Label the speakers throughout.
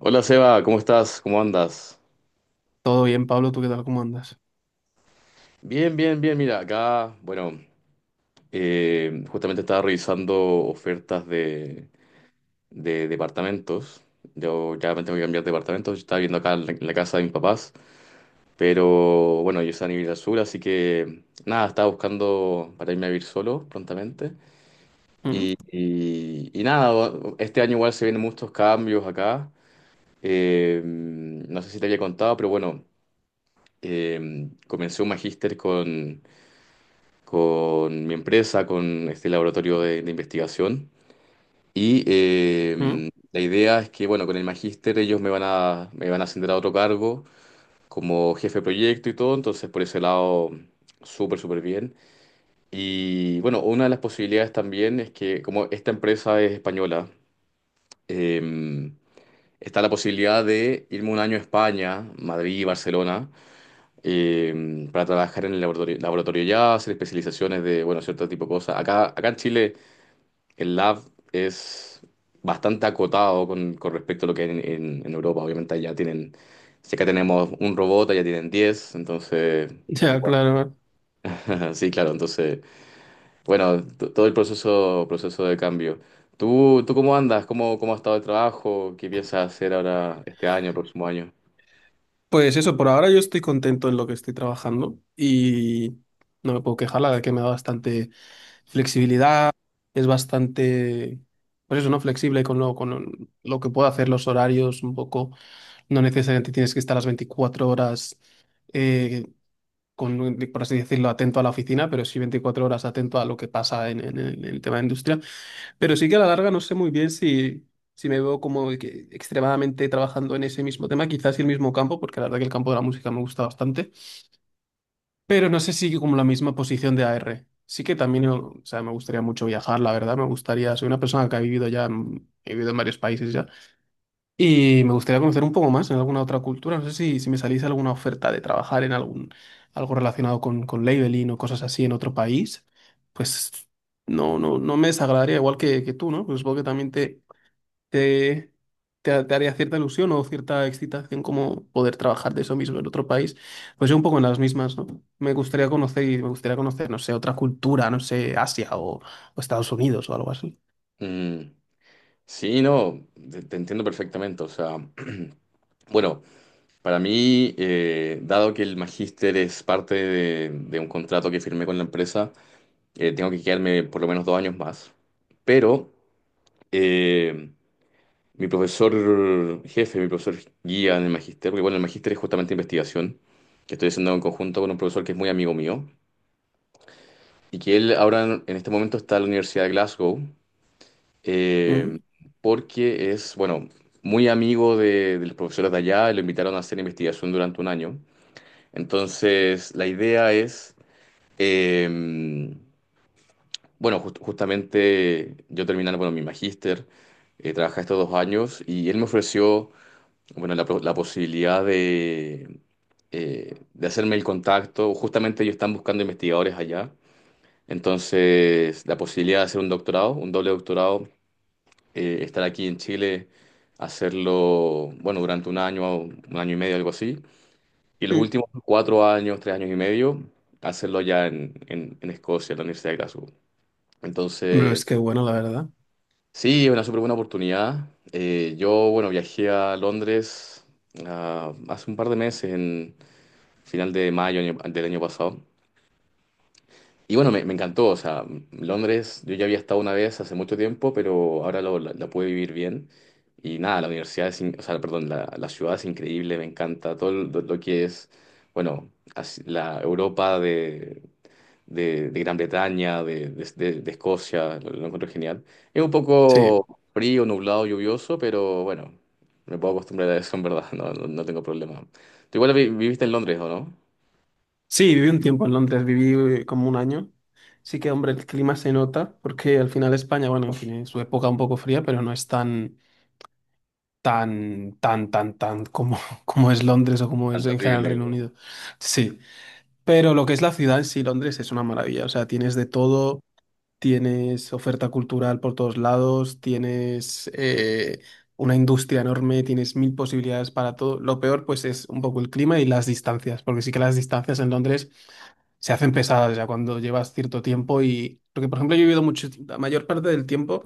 Speaker 1: Hola Seba, ¿cómo estás? ¿Cómo andas?
Speaker 2: Todo bien, Pablo, ¿tú qué tal? ¿Cómo andas?
Speaker 1: Bien, bien, bien. Mira, acá, bueno, justamente estaba revisando ofertas de departamentos. Yo ya me tengo que cambiar de departamento. Yo estaba viendo acá en en la casa de mis papás. Pero bueno, yo soy a vivir al sur, así que nada, estaba buscando para irme a vivir solo prontamente.
Speaker 2: ¿Mm?
Speaker 1: Y nada, este año igual se vienen muchos cambios acá. No sé si te había contado, pero bueno, comencé un magíster con mi empresa, con este laboratorio de investigación. Y
Speaker 2: ¿Mm?
Speaker 1: la idea es que, bueno, con el magíster ellos me van a ascender a otro cargo como jefe de proyecto y todo, entonces por ese lado, súper, súper bien. Y bueno, una de las posibilidades también es que, como esta empresa es española, eh, está la posibilidad de irme un año a España, Madrid, Barcelona, para trabajar en el laboratorio ya, hacer especializaciones de, bueno, cierto tipo de cosas. Acá en Chile el lab es bastante acotado con respecto a lo que hay en Europa. Obviamente allá tienen, si acá tenemos un robot, allá tienen 10 entonces,
Speaker 2: Sí. Ya,
Speaker 1: igual.
Speaker 2: claro.
Speaker 1: Sí, claro, entonces, bueno, todo el proceso de cambio. Tú cómo andas? Cómo ha estado el trabajo? ¿Qué piensas hacer ahora este año, el próximo año?
Speaker 2: Pues eso, por ahora yo estoy contento en lo que estoy trabajando y no me puedo quejar, la verdad que me da bastante flexibilidad, es bastante, pues eso, ¿no? Flexible con con lo que puedo hacer, los horarios un poco, no necesariamente tienes que estar las 24 horas, eh, con, por así decirlo, atento a la oficina, pero sí 24 horas atento a lo que pasa en el tema de industria. Pero sí que a la larga no sé muy bien si me veo como que extremadamente trabajando en ese mismo tema, quizás el mismo campo, porque la verdad que el campo de la música me gusta bastante, pero no sé si como la misma posición de AR. Sí que también, o sea, me gustaría mucho viajar, la verdad, me gustaría, soy una persona que ha vivido ya, he vivido en varios países ya, y me gustaría conocer un poco más en alguna otra cultura, no sé si me salís alguna oferta de trabajar en algún, algo relacionado con labeling o cosas así en otro país, pues... No, no, no me desagradaría, igual que tú, ¿no? Pues supongo que también te, te haría cierta ilusión o cierta excitación como poder trabajar de eso mismo en otro país. Pues yo un poco en las mismas, ¿no? Me gustaría conocer y me gustaría conocer, no sé, otra cultura, no sé, Asia o Estados Unidos o algo así.
Speaker 1: Mm, sí, no, te entiendo perfectamente. O sea, bueno, para mí, dado que el magíster es parte de un contrato que firmé con la empresa, tengo que quedarme por lo menos dos años más. Pero eh, mi profesor jefe, mi profesor guía en el magíster, porque bueno, el magíster es justamente investigación, que estoy haciendo en conjunto con un profesor que es muy amigo mío, y que él ahora en este momento está en la Universidad de Glasgow, eh,
Speaker 2: Ujú.
Speaker 1: porque es, bueno, muy amigo de los profesores de allá, y lo invitaron a hacer investigación durante un año. Entonces, la idea es... em, bueno, justamente yo terminando, bueno, mi magíster, trabajé estos dos años y él me ofreció, bueno, la posibilidad de hacerme el contacto. Justamente ellos están buscando investigadores allá. Entonces, la posibilidad de hacer un doctorado, un doble doctorado, estar aquí en Chile, hacerlo, bueno, durante un año y medio, algo así. Y los
Speaker 2: Mm.
Speaker 1: últimos cuatro años, tres años y medio, hacerlo ya en Escocia, en la Universidad de Glasgow.
Speaker 2: Pero
Speaker 1: Entonces,
Speaker 2: es que bueno, la verdad.
Speaker 1: sí, es una súper buena oportunidad. Yo, bueno, viajé a Londres hace un par de meses, en final de mayo del año pasado. Y bueno, me encantó. O sea, Londres, yo ya había estado una vez hace mucho tiempo, pero ahora la pude vivir bien. Y nada, la universidad o sea, perdón, la ciudad es increíble, me encanta todo lo que es, bueno, la Europa de Gran Bretaña, de Escocia, lo encuentro genial. Es un
Speaker 2: Sí.
Speaker 1: poco frío, nublado, lluvioso, pero bueno, me puedo acostumbrar a eso en verdad. No, no, no tengo problema. Tú igual viviste en Londres, ¿o no?
Speaker 2: Sí, viví un tiempo en Londres, viví como un año. Sí que, hombre, el clima se nota porque al final España, bueno, tiene su época un poco fría, pero no es tan como, como es Londres o como
Speaker 1: Tan
Speaker 2: es en general el Reino
Speaker 1: terrible.
Speaker 2: Unido. Sí. Pero lo que es la ciudad en sí, Londres, es una maravilla. O sea, tienes de todo, tienes oferta cultural por todos lados, tienes una industria enorme, tienes mil posibilidades para todo. Lo peor, pues, es un poco el clima y las distancias, porque sí que las distancias en Londres se hacen pesadas ya cuando llevas cierto tiempo y porque por ejemplo yo he vivido mucho la mayor parte del tiempo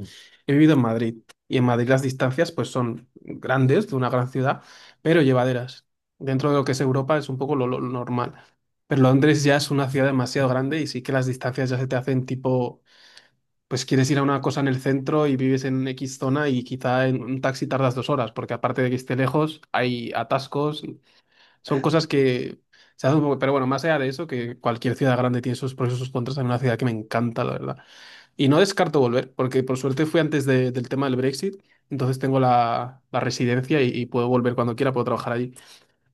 Speaker 2: he vivido en Madrid y en Madrid las distancias pues son grandes de una gran ciudad pero llevaderas dentro de lo que es Europa es un poco lo normal pero Londres ya es una ciudad demasiado grande y sí que las distancias ya se te hacen tipo pues quieres ir a una cosa en el centro y vives en X zona y quizá en un taxi tardas dos horas porque aparte de que esté lejos hay atascos son cosas que se hacen un poco, pero bueno, más allá de eso, que cualquier ciudad grande tiene sus pros y sus contras, en una ciudad que me encanta, la verdad. Y no descarto volver, porque por suerte fui del tema del Brexit, entonces tengo la residencia y puedo volver cuando quiera, puedo trabajar allí.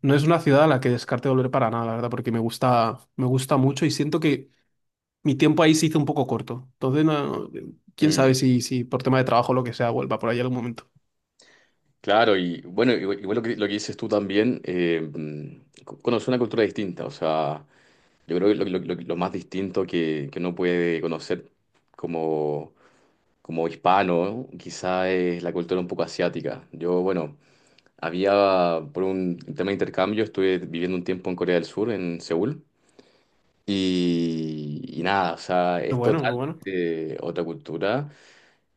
Speaker 2: No es una ciudad a la que descarte volver para nada, la verdad, porque me gusta mucho y siento que mi tiempo ahí se hizo un poco corto. Entonces, quién
Speaker 1: Mm,
Speaker 2: sabe si por tema de trabajo o lo que sea vuelva por ahí algún momento.
Speaker 1: claro, y bueno, igual, igual lo que dices tú también, conocer una cultura distinta, o sea, yo creo que lo más distinto que uno puede conocer como, como hispano, quizá es la cultura un poco asiática. Yo, bueno, había, por un tema de intercambio, estuve viviendo un tiempo en Corea del Sur, en Seúl, y nada, o sea,
Speaker 2: Lo
Speaker 1: es
Speaker 2: bueno, lo bueno.
Speaker 1: totalmente otra cultura.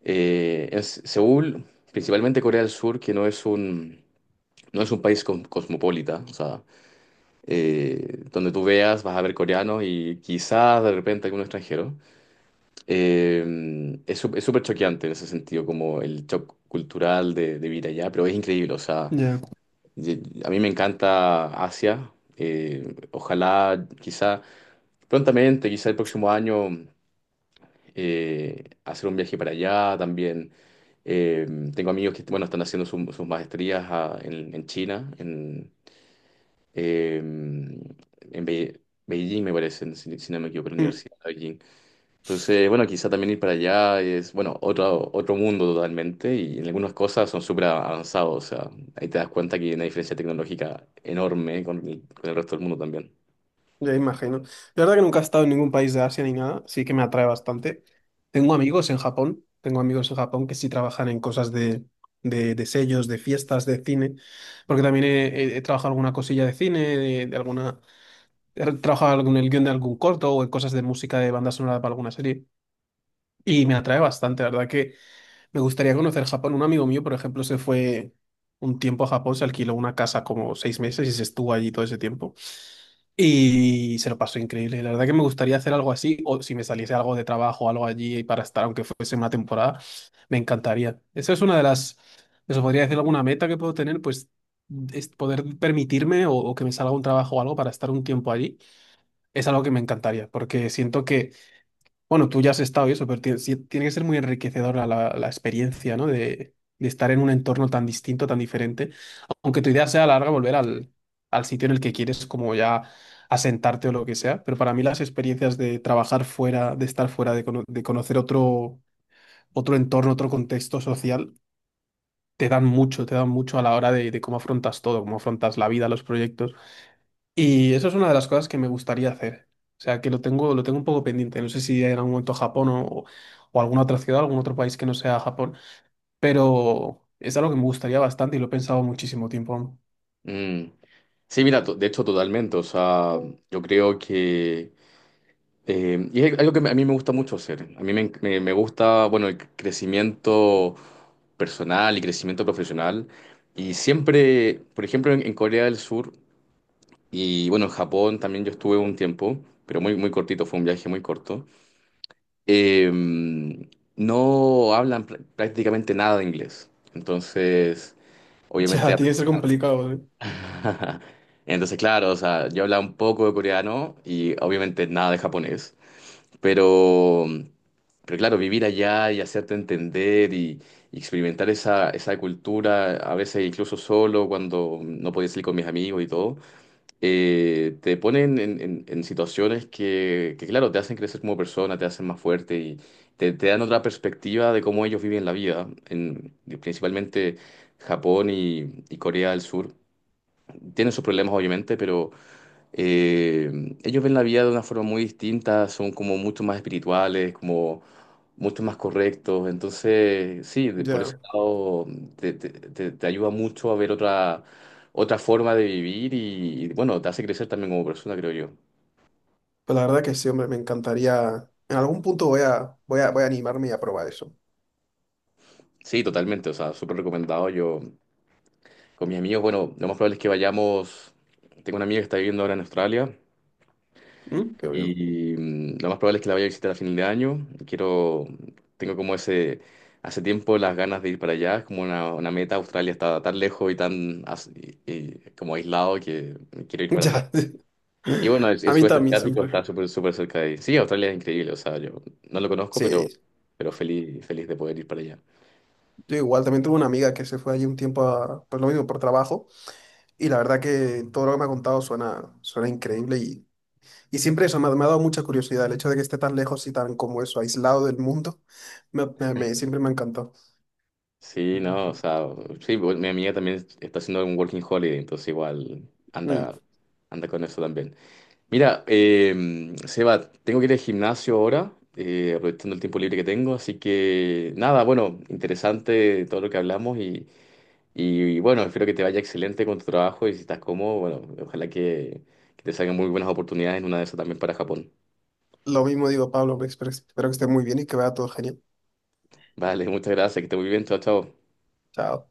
Speaker 1: Seúl, principalmente Corea del Sur, que no es un, no es un país cosmopolita, o sea, donde tú veas vas a ver coreanos y quizás de repente algún extranjero. Es súper choqueante en ese sentido, como el shock cultural de vivir allá, pero es increíble, o sea...
Speaker 2: Ya.
Speaker 1: A mí me encanta Asia. Ojalá, quizá prontamente, quizá el próximo año, hacer un viaje para allá también. Eh, tengo amigos que, bueno, están haciendo sus maestrías en China, eh, en Be- Beijing, me parece, si no me equivoco, en la Universidad de Beijing. Entonces, bueno, quizá también ir para allá es, bueno, otro, otro mundo totalmente y en algunas cosas son súper avanzados. O sea, ahí te das cuenta que hay una diferencia tecnológica enorme con el resto del mundo también.
Speaker 2: Ya imagino. La verdad que nunca he estado en ningún país de Asia ni nada, sí que me atrae bastante. Tengo amigos en Japón, tengo amigos en Japón que sí trabajan en cosas de sellos, de fiestas, de cine, porque también he trabajado alguna cosilla de cine, de alguna, he trabajado el guión de algún corto o en cosas de música de banda sonora para alguna serie. Y me atrae bastante, la verdad que me gustaría conocer Japón. Un amigo mío, por ejemplo, se fue un tiempo a Japón, se alquiló una casa como seis meses y se estuvo allí todo ese tiempo. Y se lo pasó increíble. La verdad que me gustaría hacer algo así, o si me saliese algo de trabajo, algo allí para estar, aunque fuese una temporada, me encantaría. Esa es una de las, eso podría decir alguna meta que puedo tener, pues es poder permitirme o que me salga un trabajo o algo para estar un tiempo allí. Es algo que me encantaría, porque siento que bueno, tú ya has estado y eso, pero tiene, tiene que ser muy enriquecedora la, la experiencia, ¿no? De estar en un entorno tan distinto, tan diferente. Aunque tu idea sea a la larga, volver al sitio en el que quieres, como ya asentarte o lo que sea. Pero para mí las experiencias de trabajar fuera, de estar fuera, de, de conocer otro, otro entorno, otro contexto social, te dan mucho a la hora de cómo afrontas todo, cómo afrontas la vida, los proyectos. Y eso es una de las cosas que me gustaría hacer. O sea, que lo tengo un poco pendiente. No sé si en algún momento Japón o alguna otra ciudad, algún otro país que no sea Japón. Pero es algo que me gustaría bastante y lo he pensado muchísimo tiempo.
Speaker 1: Mm. Sí, mira, de hecho, totalmente. O sea, yo creo que... y es algo que a mí me gusta mucho hacer. A mí me gusta, bueno, el crecimiento personal y crecimiento profesional. Y siempre, por ejemplo, en Corea del Sur... Y bueno, en Japón también yo estuve un tiempo, pero muy, muy cortito, fue un viaje muy corto. Eh, no hablan prácticamente nada de inglés. Entonces,
Speaker 2: Ya,
Speaker 1: obviamente...
Speaker 2: tiene que ser complicado, ¿eh?
Speaker 1: Entonces, claro, o sea, yo hablaba un poco de coreano y obviamente nada de japonés. Pero, pero claro, vivir allá y hacerte entender y experimentar esa cultura, a veces incluso solo, cuando no podía salir con mis amigos y todo, te ponen en situaciones que, claro, te hacen crecer como persona, te hacen más fuerte te dan otra perspectiva de cómo ellos viven la vida. En, principalmente Japón y Corea del Sur tienen sus problemas, obviamente, pero ellos ven la vida de una forma muy distinta, son como mucho más espirituales, mucho más correctos. Entonces, sí, por
Speaker 2: Ya,
Speaker 1: ese lado te ayuda mucho a ver otra, otra forma de vivir bueno, te hace crecer también como persona, creo yo.
Speaker 2: pues la verdad que sí, hombre, me encantaría. En algún punto voy a animarme y a probar eso.
Speaker 1: Sí, totalmente, o sea, súper recomendado. Yo con mis amigos, bueno, lo más probable es que vayamos, tengo una amiga que está viviendo ahora en Australia.
Speaker 2: Mm, qué bien.
Speaker 1: Y mm, lo más probable es que la vaya a visitar a fin de año. Quiero, tengo como ese, hace tiempo las ganas de ir para allá, es como una meta. Australia está tan lejos y tan y como aislado que quiero ir para allá.
Speaker 2: Ya,
Speaker 1: Y bueno, el
Speaker 2: a mí
Speaker 1: sudeste
Speaker 2: también
Speaker 1: asiático está
Speaker 2: siempre.
Speaker 1: súper, súper cerca de ahí. Sí, Australia es increíble, o sea, yo no lo conozco,
Speaker 2: Sí,
Speaker 1: pero feliz, feliz de poder ir para allá.
Speaker 2: yo igual, también tuve una amiga que se fue allí un tiempo, pues lo mismo, por trabajo. Y la verdad que todo lo que me ha contado suena, suena increíble y siempre eso me ha dado mucha curiosidad. El hecho de que esté tan lejos y tan como eso, aislado del mundo, siempre me ha encantado.
Speaker 1: Sí, no, o sea, sí, bueno, mi amiga también está haciendo un working holiday, entonces igual anda,
Speaker 2: Mm.
Speaker 1: anda con eso también. Mira, Seba, tengo que ir al gimnasio ahora, aprovechando el tiempo libre que tengo, así que nada, bueno, interesante todo lo que hablamos bueno, espero que te vaya excelente con tu trabajo y si estás cómodo, bueno, ojalá que te salgan muy buenas oportunidades en una de esas también para Japón.
Speaker 2: Lo mismo digo, Pablo, pues, espero que esté muy bien y que vaya todo genial.
Speaker 1: Vale, muchas gracias, que estés muy bien, chao, chao.
Speaker 2: Chao.